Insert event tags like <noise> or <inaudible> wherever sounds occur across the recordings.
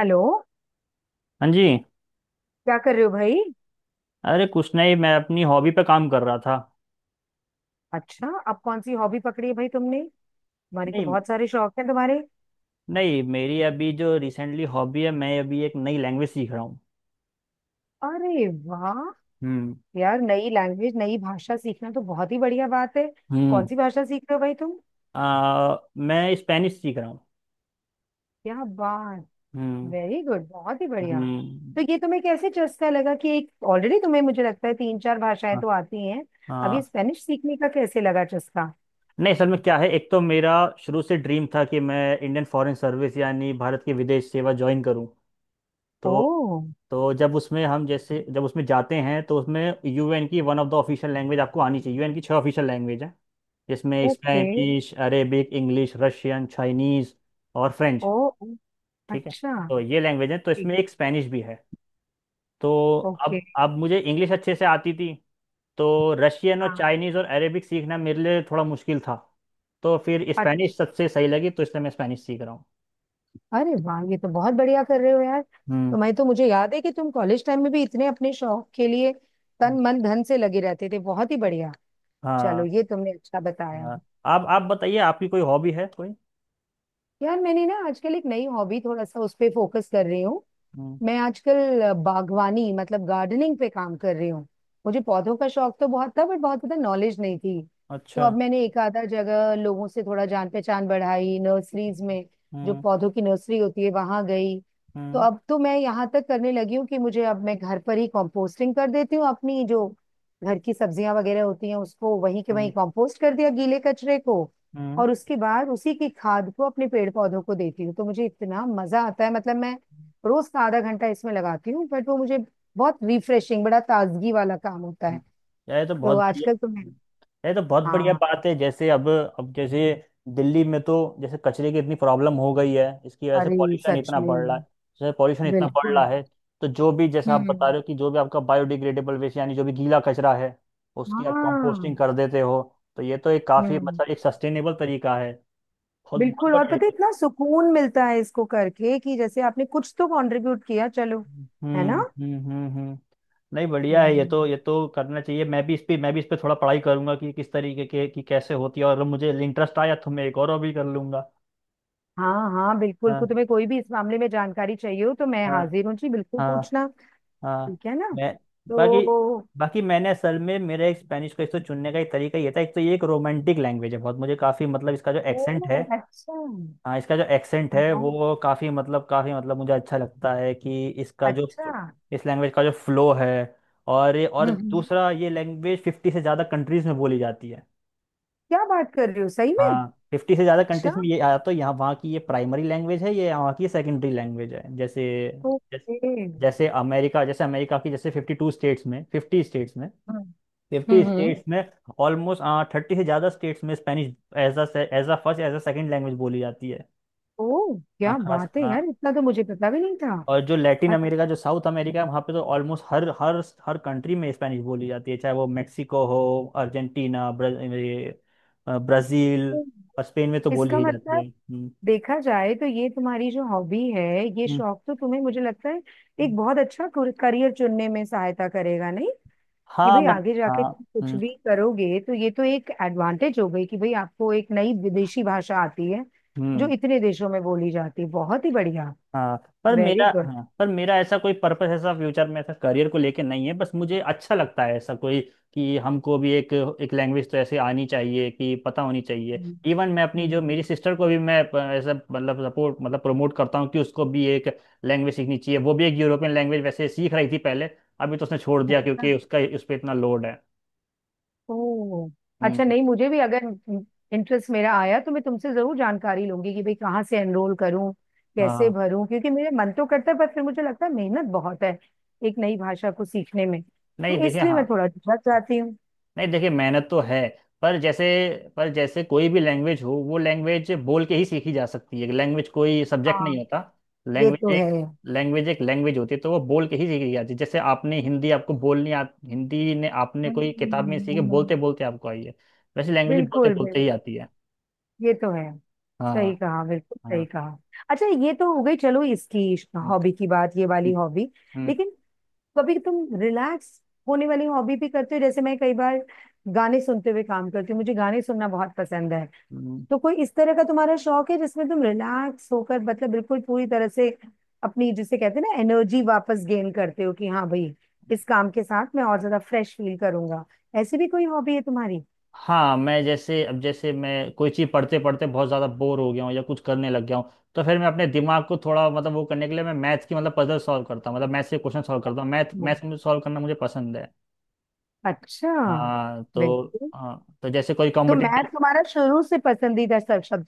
Hello. हाँ जी। क्या कर रहे हो भाई? अरे कुछ नहीं, मैं अपनी हॉबी पे काम कर रहा था। अच्छा, अब कौन सी हॉबी पकड़ी है भाई तुमने? तुम्हारे तो नहीं। बहुत सारे शौक हैं तुम्हारे। नहीं, मेरी अभी जो रिसेंटली हॉबी है, मैं अभी एक नई लैंग्वेज सीख रहा हूँ। अरे वाह! हम्म। यार, नई लैंग्वेज, नई भाषा सीखना तो बहुत ही बढ़िया बात है। कौन हम्म। सी भाषा सीख रहे हो भाई तुम? मैं स्पेनिश सीख रहा हूँ। क्या बात! हम्म। वेरी गुड, बहुत ही बढ़िया। तो हम्म। ये तुम्हें कैसे चस्का लगा? कि एक ऑलरेडी तुम्हें, मुझे लगता है तीन चार भाषाएं हाँ। तो आती हैं। अब ये हाँ। स्पेनिश सीखने का कैसे लगा चस्का? नहीं, असल में क्या है, एक तो मेरा शुरू से ड्रीम था कि मैं इंडियन फॉरेन सर्विस यानी भारत की विदेश सेवा ज्वाइन करूँ। तो ओ, जब उसमें जाते हैं तो उसमें यूएन की one of the official language आपको आनी चाहिए। यूएन की छह ऑफिशियल लैंग्वेज है, जिसमें okay. Spanish, Arabic, English, Russian, Chinese और फ्रेंच। ओ, ओ, ठीक है। अच्छा, तो ये लैंग्वेज है तो ठीक, इसमें एक स्पेनिश भी है। तो अब ओके। अब मुझे इंग्लिश अच्छे से आती थी, तो रशियन और हाँ, चाइनीज और अरेबिक सीखना मेरे लिए थोड़ा मुश्किल था। तो फिर स्पेनिश अच्छा। सबसे सही लगी, तो इसलिए मैं स्पेनिश सीख रहा हूँ। अरे वाह, ये तो बहुत बढ़िया कर रहे हो यार। हम्म। तो मैं, तो मुझे याद है कि तुम कॉलेज टाइम में भी इतने अपने शौक के लिए हम्म, तन मन धन से लगे रहते थे, बहुत ही बढ़िया। चलो हाँ। ये तुमने अच्छा बताया। हाँ, आप बताइए, आपकी कोई हॉबी है कोई? यार मैंने ना आजकल एक नई हॉबी, थोड़ा सा उस पे फोकस कर रही हूँ। हम्म। मैं आजकल बागवानी मतलब गार्डनिंग पे काम कर रही हूँ। मुझे पौधों का शौक तो बहुत था, बट बहुत ज्यादा नॉलेज नहीं थी। तो अच्छा। अब मैंने एक आधा जगह लोगों से थोड़ा जान पहचान बढ़ाई नर्सरीज में। जो हम्म। पौधों की नर्सरी होती है वहां गई। तो हम्म। अब तो मैं यहाँ तक करने लगी हूँ कि मुझे, अब मैं घर पर ही कंपोस्टिंग कर देती हूँ। अपनी जो घर की सब्जियां वगैरह होती हैं उसको वहीं के वहीं हम्म। कंपोस्ट कर दिया, गीले कचरे को। हम्म। और उसके बाद उसी की खाद को अपने पेड़ पौधों को देती हूँ। तो मुझे इतना मजा आता है, मतलब मैं रोज का आधा घंटा इसमें लगाती हूँ, बट वो मुझे बहुत रिफ्रेशिंग, बड़ा ताजगी वाला काम होता है। यार, ये तो तो बहुत आजकल बढ़िया। तो मैं, ये तो बहुत बढ़िया हाँ। बात है। जैसे अब जैसे दिल्ली में तो जैसे कचरे की इतनी प्रॉब्लम हो गई है, इसकी वजह से अरे पॉल्यूशन सच इतना बढ़ रहा है। में! जैसे पॉल्यूशन इतना बढ़ रहा बिल्कुल। है, तो जो भी जैसा आप बता हम्म, रहे हो कि जो भी आपका बायोडिग्रेडेबल वेस्ट यानी जो भी गीला कचरा है, उसकी आप कंपोस्टिंग हाँ। कर देते हो, तो ये तो एक काफी हम्म। मतलब एक सस्टेनेबल तरीका है। बहुत बहुत बिल्कुल। और बढ़िया पता है है। इतना सुकून मिलता है इसको करके कि जैसे आपने कुछ तो कंट्रीब्यूट किया, चलो। है ना? हम्म। हम्म। हम्म। हम्म। नहीं, बढ़िया है, हम्म, ये तो करना चाहिए। मैं भी इस पे थोड़ा पढ़ाई करूंगा कि किस तरीके के, कि कैसे होती है, और मुझे इंटरेस्ट आया तो मैं एक और भी कर लूंगा। हाँ हाँ बिल्कुल। को हाँ। तुम्हें कोई भी इस मामले में जानकारी चाहिए हो तो मैं हाँ। हाजिर हूँ जी, बिल्कुल हाँ। पूछना। हाँ। ठीक है ना? मैं बाकी तो। बाकी मैंने असल में, मेरे एक स्पेनिश को एक तो चुनने का एक तरीका ये था, एक तो ये एक रोमांटिक लैंग्वेज है, बहुत मुझे काफ़ी मतलब इसका जो एक्सेंट है। ओ, अच्छा हाँ। हाँ, इसका जो एक्सेंट हाँ, है वो काफ़ी मतलब मुझे अच्छा लगता है कि इसका जो अच्छा। इस लैंग्वेज का जो फ्लो है। और ये और हम्म, दूसरा, ये लैंग्वेज 50 से ज़्यादा कंट्रीज़ में बोली जाती है। क्या बात कर रही हो सही में! हाँ, फिफ्टी से ज़्यादा अच्छा, कंट्रीज़ में ये या तो यहाँ वहाँ की ये प्राइमरी लैंग्वेज है, ये यहाँ की सेकेंडरी लैंग्वेज है। जैस- ओके। जैसे अमेरिका, जैसे अमेरिका की जैसे फिफ्टी स्टेट्स में, हम्म फिफ्टी हम्म। स्टेट्स में ऑलमोस्ट 30 से ज़्यादा स्टेट्स में Spanish as a first, as a second language बोली जाती है। ओ हाँ, क्या खास, बात है यार, हाँ। इतना तो मुझे पता भी नहीं था। और जो लैटिन अमेरिका, जो साउथ अमेरिका है वहाँ पे तो ऑलमोस्ट हर हर हर कंट्री में स्पेनिश बोली जाती है, चाहे वो मेक्सिको हो, अर्जेंटीना, ब्राज़ील, और अच्छा। स्पेन में तो बोली इसका ही जाती मतलब है। हम्म। देखा जाए तो ये तुम्हारी जो हॉबी है, ये हम्म। शौक तो तुम्हें, मुझे लगता है हम्म। एक बहुत अच्छा करियर चुनने में सहायता करेगा, नहीं? कि हाँ भाई मत आगे हाँ। जाके तुम कुछ हम्म। भी करोगे तो ये तो एक एडवांटेज हो गई कि भाई आपको एक नई विदेशी भाषा आती है जो हम्म। इतने देशों में बोली जाती है, बहुत ही बढ़िया। हाँ पर वेरी मेरा ऐसा कोई पर्पस, ऐसा फ्यूचर में ऐसा करियर को लेके नहीं है, बस मुझे अच्छा लगता है ऐसा कोई कि हमको भी एक, एक लैंग्वेज तो ऐसे आनी चाहिए, कि पता होनी चाहिए। इवन मैं अपनी जो गुड। मेरी सिस्टर को भी मैं ऐसा मतलब सपोर्ट मतलब प्रमोट करता हूँ कि उसको भी एक लैंग्वेज सीखनी चाहिए। वो भी एक यूरोपियन लैंग्वेज वैसे सीख रही थी पहले, अभी तो उसने छोड़ दिया क्योंकि उसका उस पर इतना लोड है। ओह, अच्छा। हम्म। नहीं मुझे भी, अगर इंटरेस्ट मेरा आया तो मैं तुमसे जरूर जानकारी लूंगी कि भाई कहाँ से एनरोल करूँ, कैसे हाँ भरूँ। क्योंकि मेरे मन तो करता है, पर फिर मुझे लगता है मेहनत बहुत है एक नई भाषा को सीखने में, नहीं, तो देखे, इसलिए हाँ। मैं थोड़ा झिझक जाती हूँ। नहीं, देखिए, मेहनत तो है, पर जैसे, पर जैसे कोई भी लैंग्वेज हो, वो लैंग्वेज बोल के ही सीखी जा सकती है। लैंग्वेज कोई सब्जेक्ट हाँ, नहीं होता। ये लैंग्वेज तो है। एक लैंग्वेज एक लैंग्वेज होती है, तो वो बोल के ही सीखी जाती है। जैसे आपने हिंदी आपको बोलनी हिंदी ने आपने कोई किताब में सीखे, हम्म, बोलते बोलते आपको आई है, वैसे लैंग्वेज बोलते बिल्कुल बोलते ही बिल्कुल आती है। ये तो है, सही हाँ। कहा, बिल्कुल सही हाँ। कहा। अच्छा, ये तो हो गई, चलो इसकी हम्म। हॉबी की बात, ये वाली हम्म। हॉबी। हम्म। लेकिन कभी तुम रिलैक्स होने वाली हॉबी भी करते हो? जैसे मैं कई बार गाने सुनते हुए काम करती हूँ, मुझे गाने सुनना बहुत पसंद है। हम्म। तो कोई इस तरह का तुम्हारा शौक है जिसमें तुम रिलैक्स होकर, मतलब बिल्कुल पूरी तरह से अपनी, जिसे कहते हैं ना, एनर्जी वापस गेन करते हो कि हाँ भाई, इस काम के साथ मैं और ज्यादा फ्रेश फील करूंगा? ऐसी भी कोई हॉबी है तुम्हारी? हाँ, मैं जैसे, अब जैसे मैं कोई चीज़ पढ़ते पढ़ते बहुत ज़्यादा बोर हो गया हूँ या कुछ करने लग गया हूँ, तो फिर मैं अपने दिमाग को थोड़ा मतलब वो करने के लिए मैं मैथ्स की मतलब पजल सॉल्व करता हूँ, मतलब मैथ्स के क्वेश्चन सॉल्व करता हूँ। मैथ हम्म। मैथ्स में सॉल्व करना मुझे पसंद है। अच्छा, हाँ तो बिल्कुल। हाँ तो जैसे कोई तो मैथ कॉम्पिटिटिव। तुम्हारा शुरू से पसंदीदा सब, सब,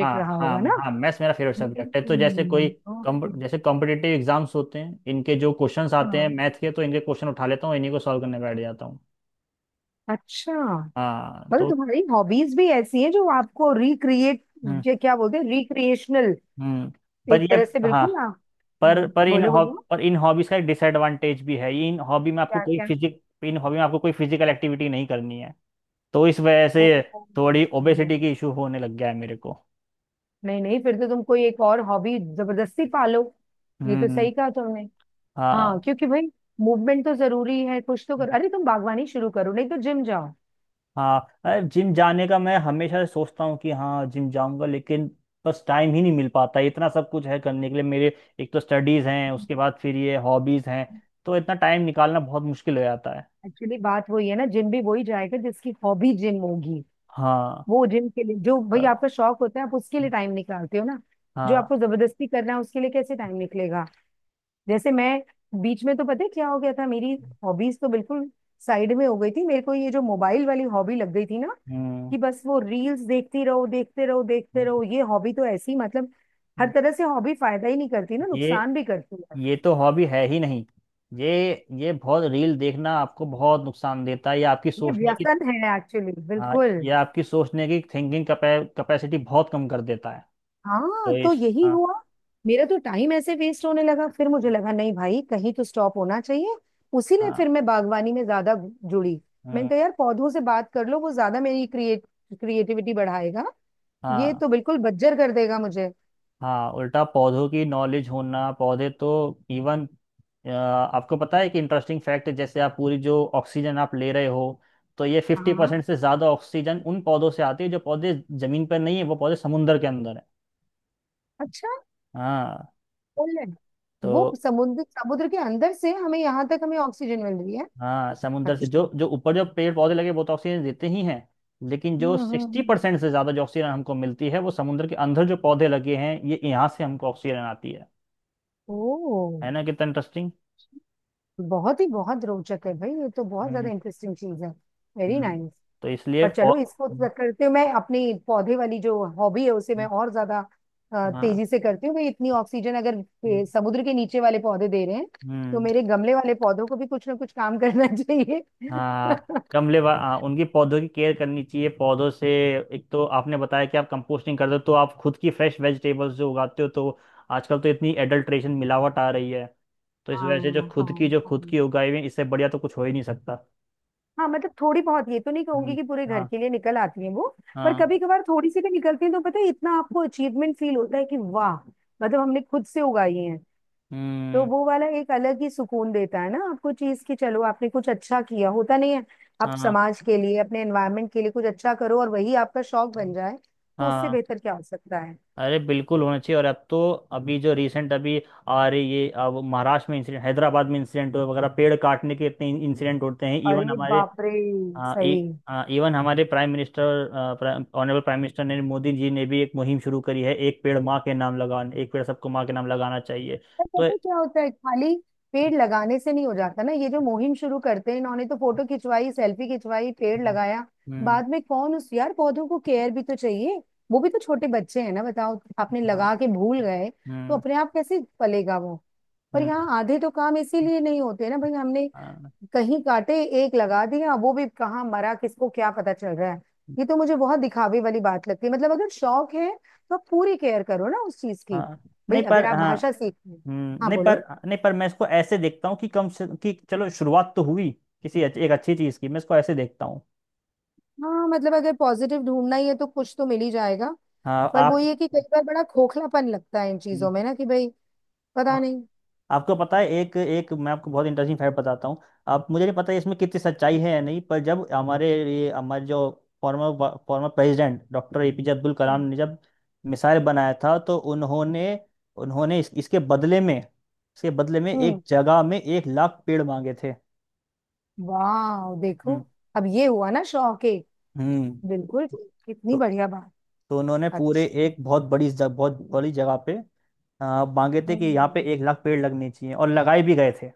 हाँ। रहा हाँ, होगा ना? हाँ, मैथ्स मेरा फेवरेट सब्जेक्ट है। तो जैसे कोई हम्म, ओके। जैसे कॉम्पिटिटिव एग्जाम्स होते हैं, इनके जो क्वेश्चंस आते हैं हाँ, मैथ के, तो इनके क्वेश्चन उठा लेता हूँ, इन्हीं को सॉल्व करने बैठ जाता हूँ। अच्छा। हाँ। मतलब तो। तुम्हारी हॉबीज भी ऐसी हैं जो आपको रिक्रिएट, हम्म। ये क्या बोलते हैं, रिक्रिएशनल, हम्म। पर एक ये। तरह से हाँ, बिल्कुल ना। पर पर इन बोलो हॉब बोलो, पर इन हॉबीज का एक डिसएडवांटेज भी है। ये इन हॉबी में आपको क्या कोई क्या? फिजिक इन हॉबी में आपको कोई फिजिकल एक्टिविटी नहीं करनी है। तो इस वजह ओ, से ओ, थोड़ी ओ। ओबेसिटी की इशू होने लग गया है मेरे को। नहीं नहीं, फिर तो तुम कोई एक और हॉबी जबरदस्ती पालो। ये तो हम्म। सही कहा तुमने। हाँ हाँ। क्योंकि भाई मूवमेंट तो जरूरी है, कुछ तो करो। अरे तुम बागवानी शुरू करो, नहीं तो जिम जाओ। हाँ, जिम जाने का मैं हमेशा सोचता हूँ कि हाँ जिम जाऊंगा, लेकिन बस टाइम ही नहीं मिल पाता है। इतना सब कुछ है करने के लिए मेरे। एक तो स्टडीज हैं, उसके बाद फिर ये हॉबीज हैं, तो इतना टाइम निकालना बहुत मुश्किल हो जाता है। एक्चुअली बात वही है ना, जिम भी वही जाएगा जिसकी हॉबी जिम होगी। हाँ। वो जिम के लिए, जो अ, भाई आपका शौक होता है आप उसके लिए टाइम निकालते हो ना। जो हाँ। आपको जबरदस्ती करना है उसके लिए कैसे टाइम निकलेगा? जैसे मैं बीच में, तो पता है क्या हो गया था, मेरी हॉबीज तो बिल्कुल साइड में हो गई थी, मेरे को ये जो मोबाइल वाली हॉबी लग गई थी ना हम्म। कि बस वो रील्स देखती रहो, देखते रहो, देखते हम्म। रहो। ये हॉबी तो ऐसी, मतलब हर हम्म। तरह से हॉबी फायदा ही नहीं करती ना, ये नुकसान भी करती है। ये तो हॉबी है ही नहीं। ये, ये बहुत रील देखना आपको बहुत नुकसान देता है। ये आपकी ये सोचने की, व्यसन है एक्चुअली, हाँ, बिल्कुल। ये आपकी सोचने की थिंकिंग कैपेसिटी बहुत कम कर देता है। हाँ तो तो इस, यही हाँ। हुआ, मेरा तो टाइम ऐसे वेस्ट होने लगा। फिर मुझे लगा नहीं भाई, कहीं तो स्टॉप होना चाहिए। उसी ने, हाँ। फिर मैं बागवानी में ज्यादा जुड़ी। मैंने हम्म, कहा यार पौधों से बात कर लो, वो ज्यादा मेरी क्रिएट, क्रिएटिविटी बढ़ाएगा। ये हाँ। तो बिल्कुल बज्जर कर देगा मुझे। हाँ, उल्टा पौधों की नॉलेज होना, पौधे तो, इवन आपको पता है कि इंटरेस्टिंग फैक्ट, जैसे आप पूरी जो ऑक्सीजन आप ले रहे हो, तो ये फिफ्टी हाँ, परसेंट से ज़्यादा ऑक्सीजन उन पौधों से आती है जो पौधे ज़मीन पर नहीं है, वो पौधे समुंदर के अंदर है। अच्छा। हाँ। पोलैंड, तो, वो समुद्र, समुद्र के अंदर से हमें यहाँ तक हमें ऑक्सीजन मिल रही है? हाँ, समुद्र से अच्छा। जो जो ऊपर जो पेड़ पौधे लगे वो तो ऑक्सीजन देते ही हैं, लेकिन हम्म जो हम्म सिक्सटी हम्म। परसेंट से ज्यादा जो ऑक्सीजन हमको मिलती है, वो समुद्र के अंदर जो पौधे लगे हैं, ये यहाँ से हमको ऑक्सीजन आती है। ओ, है ना, कितना इंटरेस्टिंग। बहुत ही, बहुत रोचक है भाई, ये तो बहुत हम्म। हम्म। ज्यादा इंटरेस्टिंग चीज है। Very hmm, nice. तो इसलिए पर चलो, इसको हम्म। तो करते हुए मैं अपनी पौधे वाली जो हॉबी है उसे मैं और ज्यादा हम्म। हाँ। तेजी से करती हूँ भाई। इतनी ऑक्सीजन अगर हम्म। समुद्र के नीचे वाले पौधे दे रहे हैं तो हम्म। मेरे गमले वाले पौधों को भी कुछ ना कुछ काम करना चाहिए। <laughs> हाँ। हाँ, उनकी पौधों की केयर करनी चाहिए पौधों से। एक तो आपने बताया कि आप कंपोस्टिंग करते हो, तो आप खुद की फ्रेश वेजिटेबल्स जो उगाते हो, तो आजकल तो इतनी एडल्ट्रेशन मिलावट आ रही है, तो इस वजह से जो हाँ हाँ। खुद हाँ की उगाई हुई, इससे बढ़िया तो कुछ हो ही नहीं सकता। हाँ, मतलब थोड़ी बहुत, ये तो नहीं कहूंगी हम्म। कि पूरे घर हाँ। के लिए निकल आती है वो, पर हाँ। कभी कभार थोड़ी सी भी निकलती है तो पता है इतना आपको अचीवमेंट फील होता है कि वाह, मतलब हमने खुद से उगाई है। तो हम्म। वो वाला एक अलग ही सुकून देता है ना आपको चीज की, चलो आपने कुछ अच्छा किया, होता नहीं है, आप हाँ। समाज के लिए, अपने एनवायरनमेंट के लिए कुछ अच्छा करो और वही आपका शौक बन जाए, तो उससे हाँ। बेहतर क्या हो सकता है? अरे बिल्कुल होना चाहिए, और अब तो अभी जो रिसेंट अभी आ रही, ये अब महाराष्ट्र में इंसिडेंट, हैदराबाद में इंसिडेंट वगैरह, पेड़ काटने के इतने इंसिडेंट होते हैं। इवन अरे हमारे, बाप रे! हाँ, सही। इवन हमारे prime minister, honourable prime minister Narendra Modi ji ने भी एक मुहिम शुरू करी है एक पेड़ माँ के नाम लगाने। एक पेड़ सबको माँ के नाम लगाना चाहिए। पर तो। पता है क्या होता है, खाली पेड़ लगाने से नहीं हो जाता ना। ये जो मुहिम शुरू करते हैं, इन्होंने तो फोटो खिंचवाई, सेल्फी खिंचवाई, पेड़ हम्म। लगाया। हम्म। बाद में कौन उस, यार पौधों को केयर भी तो चाहिए, वो भी तो छोटे बच्चे हैं ना, बताओ। आपने हाँ। लगा के भूल गए तो हम्म। अपने आप कैसे पलेगा वो? पर हम्म। यहाँ आधे तो काम इसीलिए नहीं होते ना भाई, हमने हाँ। कहीं काटे, एक लगा दिया, वो भी कहाँ मरा, किसको क्या पता चल रहा है। ये तो मुझे बहुत दिखावे वाली बात लगती है, मतलब अगर शौक है तो आप पूरी केयर करो ना उस चीज की। हाँ नहीं भाई अगर पर आप हाँ। भाषा सीख रहे हो, हाँ नहीं बोलो। पर, नहीं पर मैं इसको ऐसे देखता हूँ कि कम से, कि चलो शुरुआत तो हुई एक अच्छी चीज़ की, मैं इसको ऐसे देखता हूँ। हाँ मतलब अगर पॉजिटिव ढूंढना ही है तो कुछ तो मिल ही जाएगा, हाँ। पर वो ये कि कई बार बड़ा खोखलापन लगता है इन आप, चीजों में ना कि भाई, पता नहीं। आपको पता है, एक, एक मैं आपको बहुत इंटरेस्टिंग फैक्ट बताता हूँ। आप, मुझे नहीं पता है इसमें कितनी सच्चाई है या नहीं, पर जब हमारे ये, हमारे जो former former president doctor APJ Abdul Kalam हम्म। ने जब मिसाइल बनाया था, तो उन्होंने उन्होंने इसके बदले में हम्म, एक जगह में 1 लाख पेड़ मांगे थे। वाह देखो! हम्म। अब ये हुआ ना शौक, एक हम्म। बिल्कुल तो ठीक, कितनी तो बढ़िया बात। तो उन्होंने पूरे अच्छा। एक बहुत बड़ी जगह पे मांगे थे कि यहाँ हम्म। पे 1 लाख पेड़ लगने चाहिए, और लगाए भी गए थे।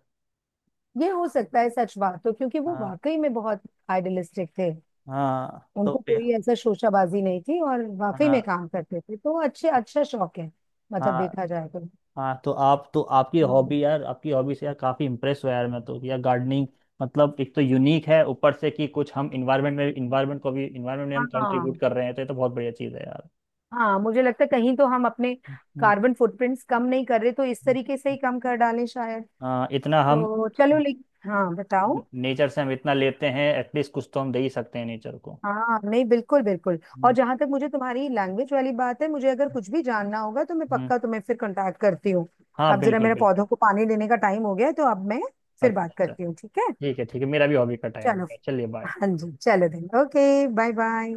ये हो सकता है सच बात, तो क्योंकि वो हाँ। वाकई में बहुत आइडियलिस्टिक थे, हाँ तो उनको कोई ऐसा शोशाबाजी नहीं थी और वाकई हाँ। में काम करते थे, तो अच्छे, अच्छा शौक है, मतलब हाँ। देखा जाए तो। हाँ तो आप तो हम्म। आपकी हॉबी से यार काफ़ी इम्प्रेस हुआ यार मैं तो, यार गार्डनिंग मतलब एक तो यूनिक है, ऊपर से कि कुछ हम इन्वायरमेंट में इन्वायरमेंट को भी इन्वायरमेंट में हम हाँ कंट्रीब्यूट कर रहे हैं, तो ये तो बहुत बढ़िया चीज़ है यार। हाँ, मुझे लगता है कहीं तो हम अपने हम्म। कार्बन फुटप्रिंट्स कम नहीं कर रहे, तो इस हम्म। तरीके से ही कम कर डालें शायद। हाँ, इतना हम तो चलो, लेकिन हाँ बताओ। नेचर से हम इतना लेते हैं, एटलीस्ट कुछ तो हम दे ही सकते हैं नेचर को। हाँ, नहीं बिल्कुल बिल्कुल। और हम्म। जहां तक मुझे तुम्हारी लैंग्वेज वाली बात है, मुझे अगर कुछ भी जानना होगा तो मैं हम्म। पक्का तुम्हें फिर कांटेक्ट करती हूँ। हाँ, अब जरा बिल्कुल मेरा बिल्कुल। पौधों को पानी देने का टाइम हो गया है, तो अब मैं फिर अच्छा, बात अच्छा। करती हूँ, ठीक है? ठीक है, ठीक है, मेरा भी हॉबी का टाइम हो चलो। गया, चलिए बाय। हाँ जी, चलो देन, ओके। Bye bye.